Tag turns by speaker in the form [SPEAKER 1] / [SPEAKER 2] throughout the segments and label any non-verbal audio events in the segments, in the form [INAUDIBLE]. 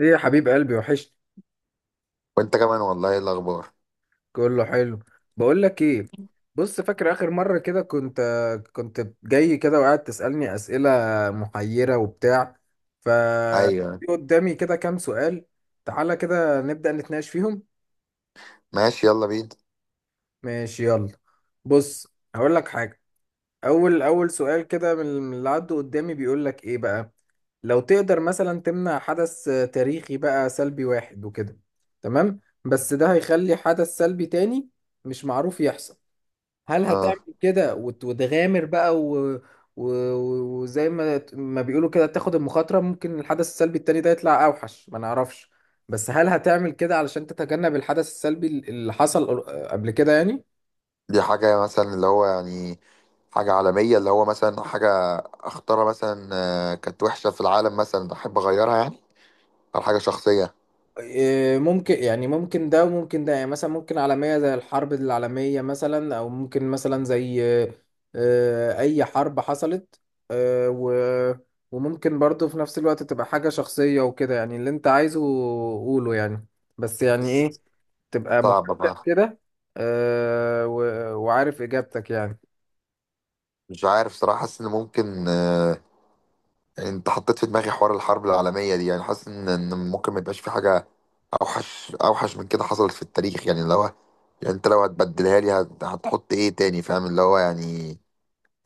[SPEAKER 1] ايه يا حبيب قلبي، وحشت.
[SPEAKER 2] وانت كمان والله، ايه الاخبار؟
[SPEAKER 1] كله حلو. بقول لك ايه؟ بص، فاكر اخر مره كده كنت جاي كده وقاعد تسالني اسئله محيره وبتاع. ف
[SPEAKER 2] ايوه،
[SPEAKER 1] في قدامي كده كام سؤال. تعالى كده نبدا نتناقش فيهم.
[SPEAKER 2] ماشي يلا بينا.
[SPEAKER 1] ماشي يلا. بص. هقول لك حاجه. اول سؤال كده من اللي عدوا قدامي بيقول لك ايه بقى. لو تقدر مثلا تمنع حدث تاريخي بقى سلبي واحد وكده. تمام، بس ده هيخلي حدث سلبي تاني مش معروف يحصل. هل
[SPEAKER 2] اه،
[SPEAKER 1] هتعمل كده وتغامر بقى و... وزي ما بيقولوا كده تاخد المخاطرة، ممكن الحدث السلبي التاني ده يطلع أوحش، ما نعرفش. بس هل هتعمل كده علشان تتجنب الحدث السلبي اللي حصل قبل كده يعني؟
[SPEAKER 2] دي حاجه مثلا اللي هو يعني حاجه عالميه اللي هو مثلا حاجه اختارها مثلا. كانت وحشه في العالم مثلا احب اغيرها يعني، او حاجه شخصيه.
[SPEAKER 1] إيه، ممكن يعني ممكن ده وممكن ده يعني مثلا ممكن عالمية زي الحرب العالمية مثلا أو ممكن مثلا زي أي حرب حصلت. آه، و- وممكن برضو في نفس الوقت تبقى حاجة شخصية وكده يعني اللي أنت عايزه. قوله يعني. بس يعني إيه. تبقى
[SPEAKER 2] صعبه
[SPEAKER 1] محدد
[SPEAKER 2] بقى،
[SPEAKER 1] كده. وعارف إجابتك يعني.
[SPEAKER 2] مش عارف صراحه. حاسس ان ممكن، انت حطيت في دماغي حوار الحرب العالميه دي. يعني حاسس ان ممكن ما يبقاش في حاجه اوحش اوحش من كده حصلت في التاريخ. يعني اللي هو يعني، انت لو هتبدلها لي هتحط ايه تاني؟ فاهم اللي هو يعني.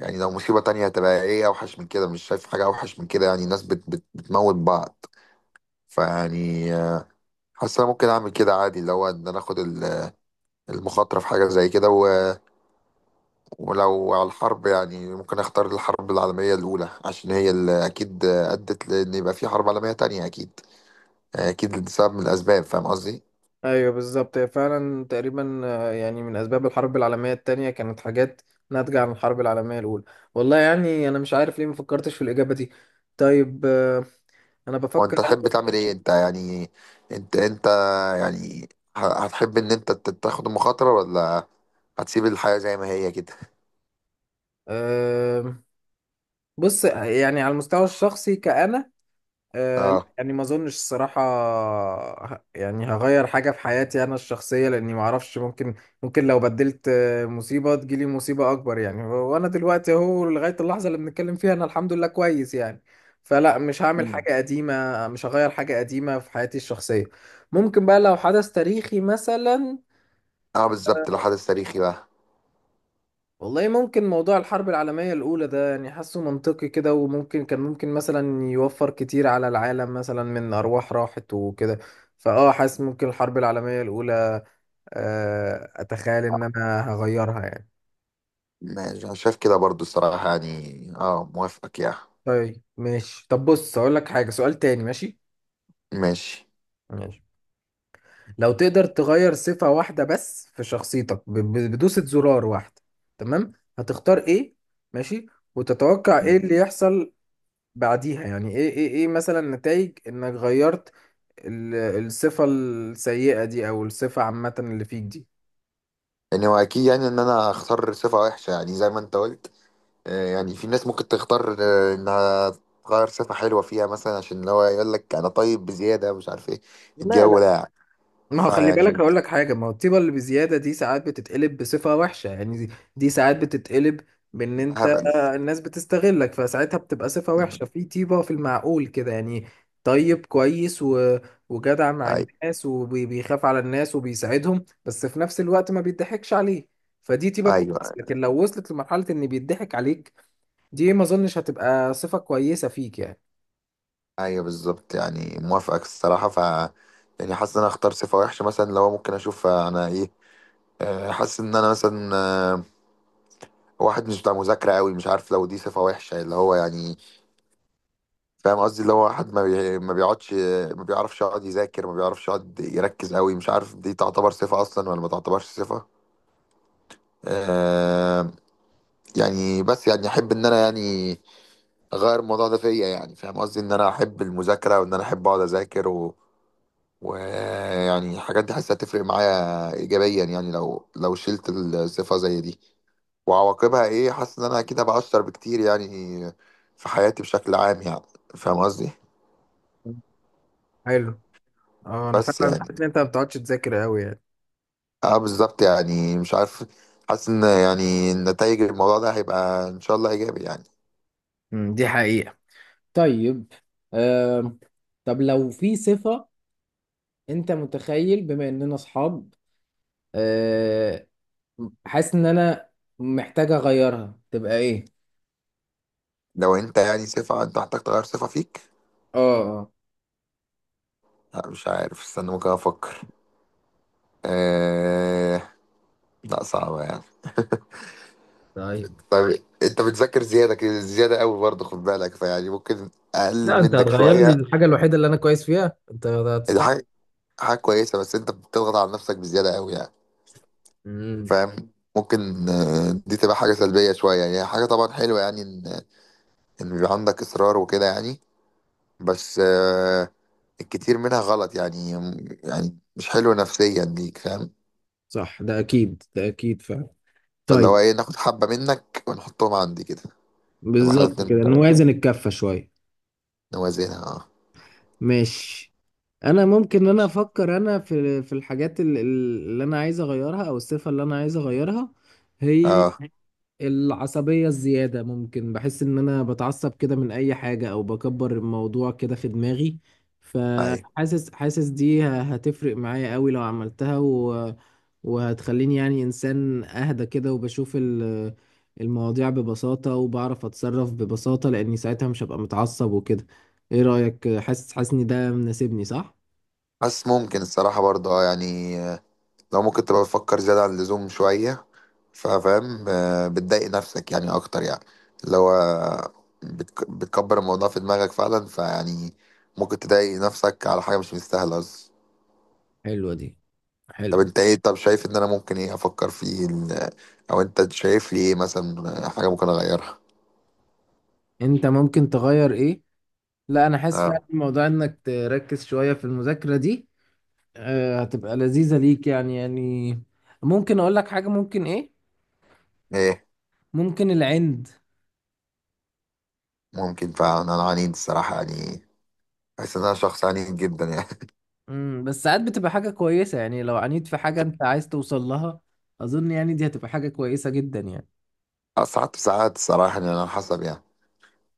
[SPEAKER 2] يعني لو مصيبة تانية هتبقى ايه اوحش من كده؟ مش شايف حاجة اوحش من كده، يعني الناس بت بت بتموت بعض. فيعني حاسس انا ممكن اعمل كده عادي، اللي هو ان انا اخد المخاطرة في حاجة زي كده. ولو على الحرب، يعني ممكن اختار الحرب العالمية الاولى، عشان هي اللي اكيد، ادت لان يبقى في حرب عالمية تانية اكيد. اكيد سبب من الاسباب، فاهم قصدي؟
[SPEAKER 1] ايوه بالظبط، هي فعلا تقريبا يعني من اسباب الحرب العالميه التانية كانت حاجات ناتجه عن الحرب العالميه الاولى. والله يعني انا مش عارف ليه ما فكرتش في الاجابه دي. طيب. انا بفكر
[SPEAKER 2] وانت
[SPEAKER 1] انا
[SPEAKER 2] تحب تعمل
[SPEAKER 1] ممكن.
[SPEAKER 2] ايه انت يعني؟ انت يعني، هتحب ان انت تاخد المخاطرة، ولا هتسيب الحياة زي ما هي كده؟
[SPEAKER 1] آه، بص يعني على المستوى الشخصي كأنا. لا،
[SPEAKER 2] اه.
[SPEAKER 1] يعني ما اظنش الصراحة. يعني هغير حاجة في حياتي انا الشخصية لاني ما اعرفش ممكن. ممكن لو بدلت مصيبة تجيلي مصيبة اكبر يعني وانا دلوقتي اهو لغاية اللحظة اللي بنتكلم فيها انا الحمد لله كويس يعني. فلا، مش هعمل حاجة قديمة، مش هغير حاجة قديمة في حياتي الشخصية. ممكن بقى لو حدث تاريخي مثلا.
[SPEAKER 2] اه بالظبط، لو حدث تاريخي بقى.
[SPEAKER 1] والله ممكن موضوع الحرب العالمية الأولى ده يعني حاسه منطقي كده، وممكن كان ممكن مثلا يوفر كتير على العالم مثلا من أرواح راحت وكده. فأه حاسس ممكن الحرب العالمية الأولى. أتخيل إن أنا هغيرها يعني.
[SPEAKER 2] ماشي، انا شايف كده برضو الصراحة، يعني اه موافقك يعني.
[SPEAKER 1] طيب ماشي. طب بص أقول لك حاجة، سؤال تاني. ماشي.
[SPEAKER 2] ماشي.
[SPEAKER 1] ماشي. لو تقدر تغير صفة واحدة بس في شخصيتك بدوسة زرار واحدة. تمام. هتختار إيه؟ ماشي. وتتوقع إيه
[SPEAKER 2] مم.
[SPEAKER 1] اللي يحصل بعديها؟ يعني ايه مثلا نتائج انك غيرت ال- الصفة السيئة دي او الصفة عامة اللي فيك دي.
[SPEAKER 2] يعني هو اكيد يعني ان انا اختار صفة وحشة، يعني زي ما انت قلت. يعني في ناس ممكن تختار انها تغير صفة حلوة فيها مثلا، عشان اللي هو يقول لك انا طيب بزيادة مش عارف ايه الجو
[SPEAKER 1] لا،
[SPEAKER 2] ده يعني.
[SPEAKER 1] ما هو خلي بالك،
[SPEAKER 2] فيعني.
[SPEAKER 1] هقول لك حاجة. ما هو الطيبة اللي بزيادة دي ساعات بتتقلب بصفة وحشة، يعني دي ساعات بتتقلب بإن أنت
[SPEAKER 2] هبل.
[SPEAKER 1] الناس بتستغلك، فساعتها بتبقى صفة
[SPEAKER 2] مم.
[SPEAKER 1] وحشة في طيبة في المعقول كده يعني. طيب كويس وجدع مع
[SPEAKER 2] ايوه.
[SPEAKER 1] الناس وبيخاف على الناس وبيساعدهم، بس في نفس الوقت ما بيضحكش عليه. فدي طيبة كويسة،
[SPEAKER 2] ايوه.
[SPEAKER 1] لكن لو وصلت لمرحلة إن بيضحك عليك، دي ما أظنش هتبقى صفة كويسة فيك يعني.
[SPEAKER 2] ايوه بالظبط، يعني موافقك الصراحة. ف يعني حاسس ان انا اختار صفة وحشة مثلا، لو ممكن اشوف انا ايه. حاسس ان انا مثلا، واحد مش بتاع مذاكرة قوي. مش عارف لو دي صفة وحشة، اللي هو يعني. فاهم قصدي، اللي هو واحد ما بي... ما بيقعدش، ما بيعرفش يقعد يذاكر، ما بيعرفش يقعد يركز قوي. مش عارف دي تعتبر صفة أصلا ولا ما تعتبرش صفة. آه... يعني بس يعني أحب إن أنا يعني أغير الموضوع ده فيا. يعني فاهم قصدي، إن أنا أحب المذاكرة وإن أنا أحب أقعد أذاكر و... ويعني الحاجات دي حاسة تفرق معايا إيجابيا يعني، لو شلت الصفة زي دي. وعواقبها ايه؟ حاسس ان انا اكيد هبقى اشطر بكتير يعني في حياتي بشكل عام يعني. فاهم قصدي؟
[SPEAKER 1] حلو. اه، أنا
[SPEAKER 2] بس
[SPEAKER 1] فعلا حاسس
[SPEAKER 2] يعني
[SPEAKER 1] إن أنت ما بتقعدش تذاكر أوي يعني.
[SPEAKER 2] اه بالظبط يعني مش عارف. حاسس ان يعني نتائج الموضوع ده هيبقى ان شاء الله ايجابي يعني.
[SPEAKER 1] دي حقيقة. طيب. آه، طب لو في صفة، انت متخيل بما اننا اصحاب، آه، حاسس ان انا محتاج اغيرها، تبقى ايه؟
[SPEAKER 2] لو انت يعني صفة انت محتاج تغير صفة فيك.
[SPEAKER 1] اه، اه.
[SPEAKER 2] لا مش عارف، استنى ممكن افكر. آه... لا صعبة يعني. [LAUGHS]
[SPEAKER 1] طيب.
[SPEAKER 2] طيب، انت بتذاكر زيادة كده زيادة قوي برضه، خد بالك. فيعني ممكن اقلل
[SPEAKER 1] لا، انت
[SPEAKER 2] منك
[SPEAKER 1] هتغير لي
[SPEAKER 2] شوية.
[SPEAKER 1] الحاجه الوحيده اللي انا كويس فيها، انت
[SPEAKER 2] دي
[SPEAKER 1] هتستعب.
[SPEAKER 2] حاجة، حاجة كويسة، بس انت بتضغط على نفسك بزيادة قوي يعني.
[SPEAKER 1] امم.
[SPEAKER 2] فاهم، ممكن دي تبقى حاجة سلبية شوية يعني. هي حاجة طبعا حلوة يعني، إن بيبقى عندك إصرار وكده يعني. بس الكتير منها غلط يعني، يعني مش حلو نفسيا ليك. فاهم؟
[SPEAKER 1] صح، ده اكيد، ده اكيد فعلا.
[SPEAKER 2] فاللي هو
[SPEAKER 1] طيب.
[SPEAKER 2] إيه، ناخد حبة منك ونحطهم عندي كده. نبقى إحنا
[SPEAKER 1] بالظبط كده
[SPEAKER 2] الاتنين
[SPEAKER 1] نوازن الكفة شوية.
[SPEAKER 2] نوازنها.
[SPEAKER 1] ماشي. انا ممكن إن انا افكر، انا في الحاجات اللي انا عايز اغيرها او الصفة اللي انا عايز اغيرها
[SPEAKER 2] أه
[SPEAKER 1] هي
[SPEAKER 2] أه
[SPEAKER 1] العصبية الزيادة. ممكن بحس إن أنا بتعصب كده من أي حاجة أو بكبر الموضوع كده في دماغي.
[SPEAKER 2] أي
[SPEAKER 1] فحاسس حاسس دي هتفرق معايا قوي لو عملتها، وهتخليني يعني إنسان أهدى كده، وبشوف المواضيع ببساطة وبعرف أتصرف ببساطة، لأني ساعتها مش هبقى متعصب وكده. إيه رأيك؟ حاسس إن ده مناسبني صح؟
[SPEAKER 2] بس ممكن الصراحة برضه أه يعني، لو ممكن تبقى بتفكر زيادة عن اللزوم شوية. ففاهم بتضايق نفسك يعني اكتر يعني. اللي هو بتكبر الموضوع في دماغك فعلا. فيعني ممكن تضايق نفسك على حاجه مش مستاهله اصلا.
[SPEAKER 1] حلوة دي.
[SPEAKER 2] طب
[SPEAKER 1] حلو.
[SPEAKER 2] انت ايه؟ طب شايف ان انا ممكن ايه افكر فيه او انت شايف لي ايه مثلا حاجه ممكن اغيرها؟
[SPEAKER 1] انت ممكن تغير ايه؟ لا، انا حاسس فعلا
[SPEAKER 2] اه،
[SPEAKER 1] موضوع انك تركز شوية في المذاكرة دي هتبقى لذيذة ليك يعني. ممكن اقول لك حاجة، ممكن ايه؟
[SPEAKER 2] ايه؟
[SPEAKER 1] ممكن العند.
[SPEAKER 2] ممكن فعلا انا عنيد الصراحه يعني، بحس ان انا شخص عنيد جدا يعني.
[SPEAKER 1] بس ساعات بتبقى حاجة كويسة، يعني لو عانيت في حاجة انت عايز توصل لها، اظن يعني دي هتبقى حاجة كويسة جدا يعني.
[SPEAKER 2] [LAUGHS] ساعات ساعات الصراحه يعني، على حسب يعني.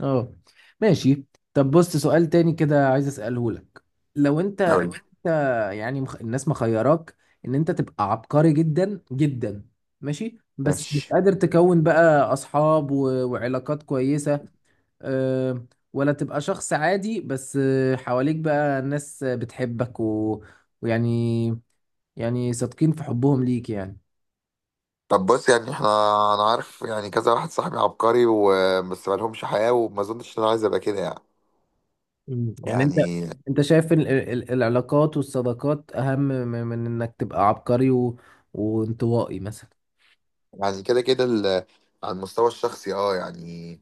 [SPEAKER 1] اه. ماشي. طب بص، سؤال تاني كده عايز اسأله لك. لو انت،
[SPEAKER 2] أوي.
[SPEAKER 1] انت يعني الناس مخيراك ان انت تبقى عبقري جدا جدا، ماشي، بس مش
[SPEAKER 2] ماشي.
[SPEAKER 1] قادر تكون بقى اصحاب وعلاقات كويسة، آه، ولا تبقى شخص عادي بس حواليك بقى ناس بتحبك ويعني، يعني صادقين في حبهم ليك يعني.
[SPEAKER 2] طب بص يعني احنا، انا عارف يعني كذا واحد صاحبي عبقري وبس ما لهمش حياة، وما اظنش ان انا عايز ابقى كده يعني.
[SPEAKER 1] مم. يعني انت،
[SPEAKER 2] يعني.
[SPEAKER 1] انت شايف العلاقات والصداقات اهم من انك تبقى عبقري وانطوائي مثلا.
[SPEAKER 2] يعني كده كده على المستوى الشخصي اه يعني.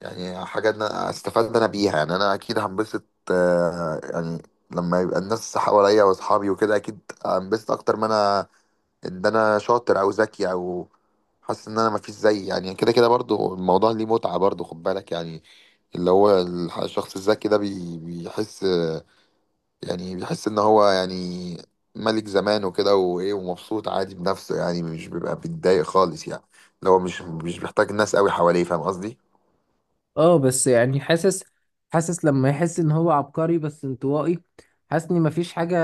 [SPEAKER 2] يعني حاجة انا استفدت انا بيها يعني، انا اكيد هنبسط. يعني لما يبقى الناس حواليا واصحابي وكده اكيد هنبسط اكتر ما انا ان انا شاطر او ذكي او. حاسس ان انا مفيش زي يعني، كده كده برضو الموضوع ليه متعة برضو خد بالك يعني. اللي هو الشخص الذكي ده بيحس، يعني بيحس ان هو يعني ملك زمان وكده وايه، ومبسوط عادي بنفسه يعني، مش بيبقى بيتضايق خالص يعني. اللي هو مش بيحتاج ناس قوي حواليه، فاهم قصدي؟
[SPEAKER 1] اه، بس يعني حاسس لما يحس ان هو عبقري بس انطوائي، حاسس ان مفيش حاجة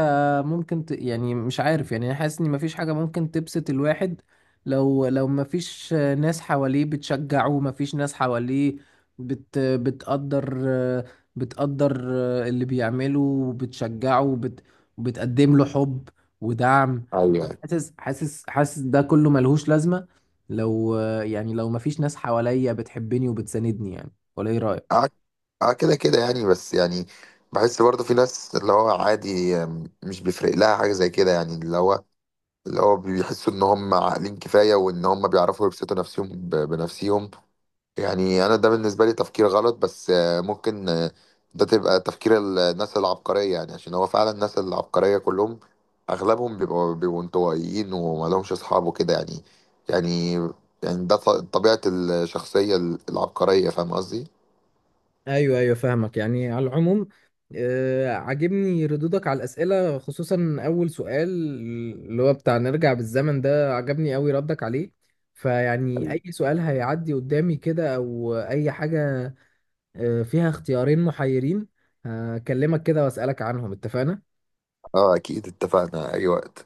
[SPEAKER 1] ممكن يعني مش عارف، يعني أنا حاسس ان مفيش حاجة ممكن تبسط الواحد لو مفيش ناس حواليه بتشجعه، مفيش ناس حواليه بت... بتقدر بتقدر اللي بيعمله وبتشجعه وبتقدم له حب ودعم.
[SPEAKER 2] ايوه.
[SPEAKER 1] حاسس ده كله ملهوش لازمة لو، يعني لو مفيش ناس حواليا بتحبني وبتساندني يعني، ولا ايه رأيك؟
[SPEAKER 2] اه. آه كده كده يعني، بس يعني بحس برضه في ناس اللي هو عادي مش بيفرق لها حاجة زي كده يعني. اللي هو بيحسوا ان هم عاقلين كفاية، وان هم بيعرفوا يبسطوا نفسهم بنفسهم. يعني انا ده بالنسبه لي تفكير غلط، بس ممكن ده تبقى تفكير الناس العبقريه يعني. عشان هو فعلا الناس العبقريه كلهم، اغلبهم بيبقوا انطوائيين وما لهمش اصحاب وكده يعني. يعني، يعني ده طبيعه الشخصيه العبقريه، فاهم قصدي؟
[SPEAKER 1] ايوه، ايوه، فاهمك، يعني على العموم عاجبني ردودك على الاسئله، خصوصا اول سؤال، اللي هو بتاع نرجع بالزمن، ده عجبني قوي ردك عليه. فيعني
[SPEAKER 2] حبيبي،
[SPEAKER 1] اي سؤال هيعدي قدامي كده او اي حاجه فيها اختيارين محيرين، هكلمك كده واسالك عنهم اتفقنا.
[SPEAKER 2] اه اكيد اتفقنا اي وقت.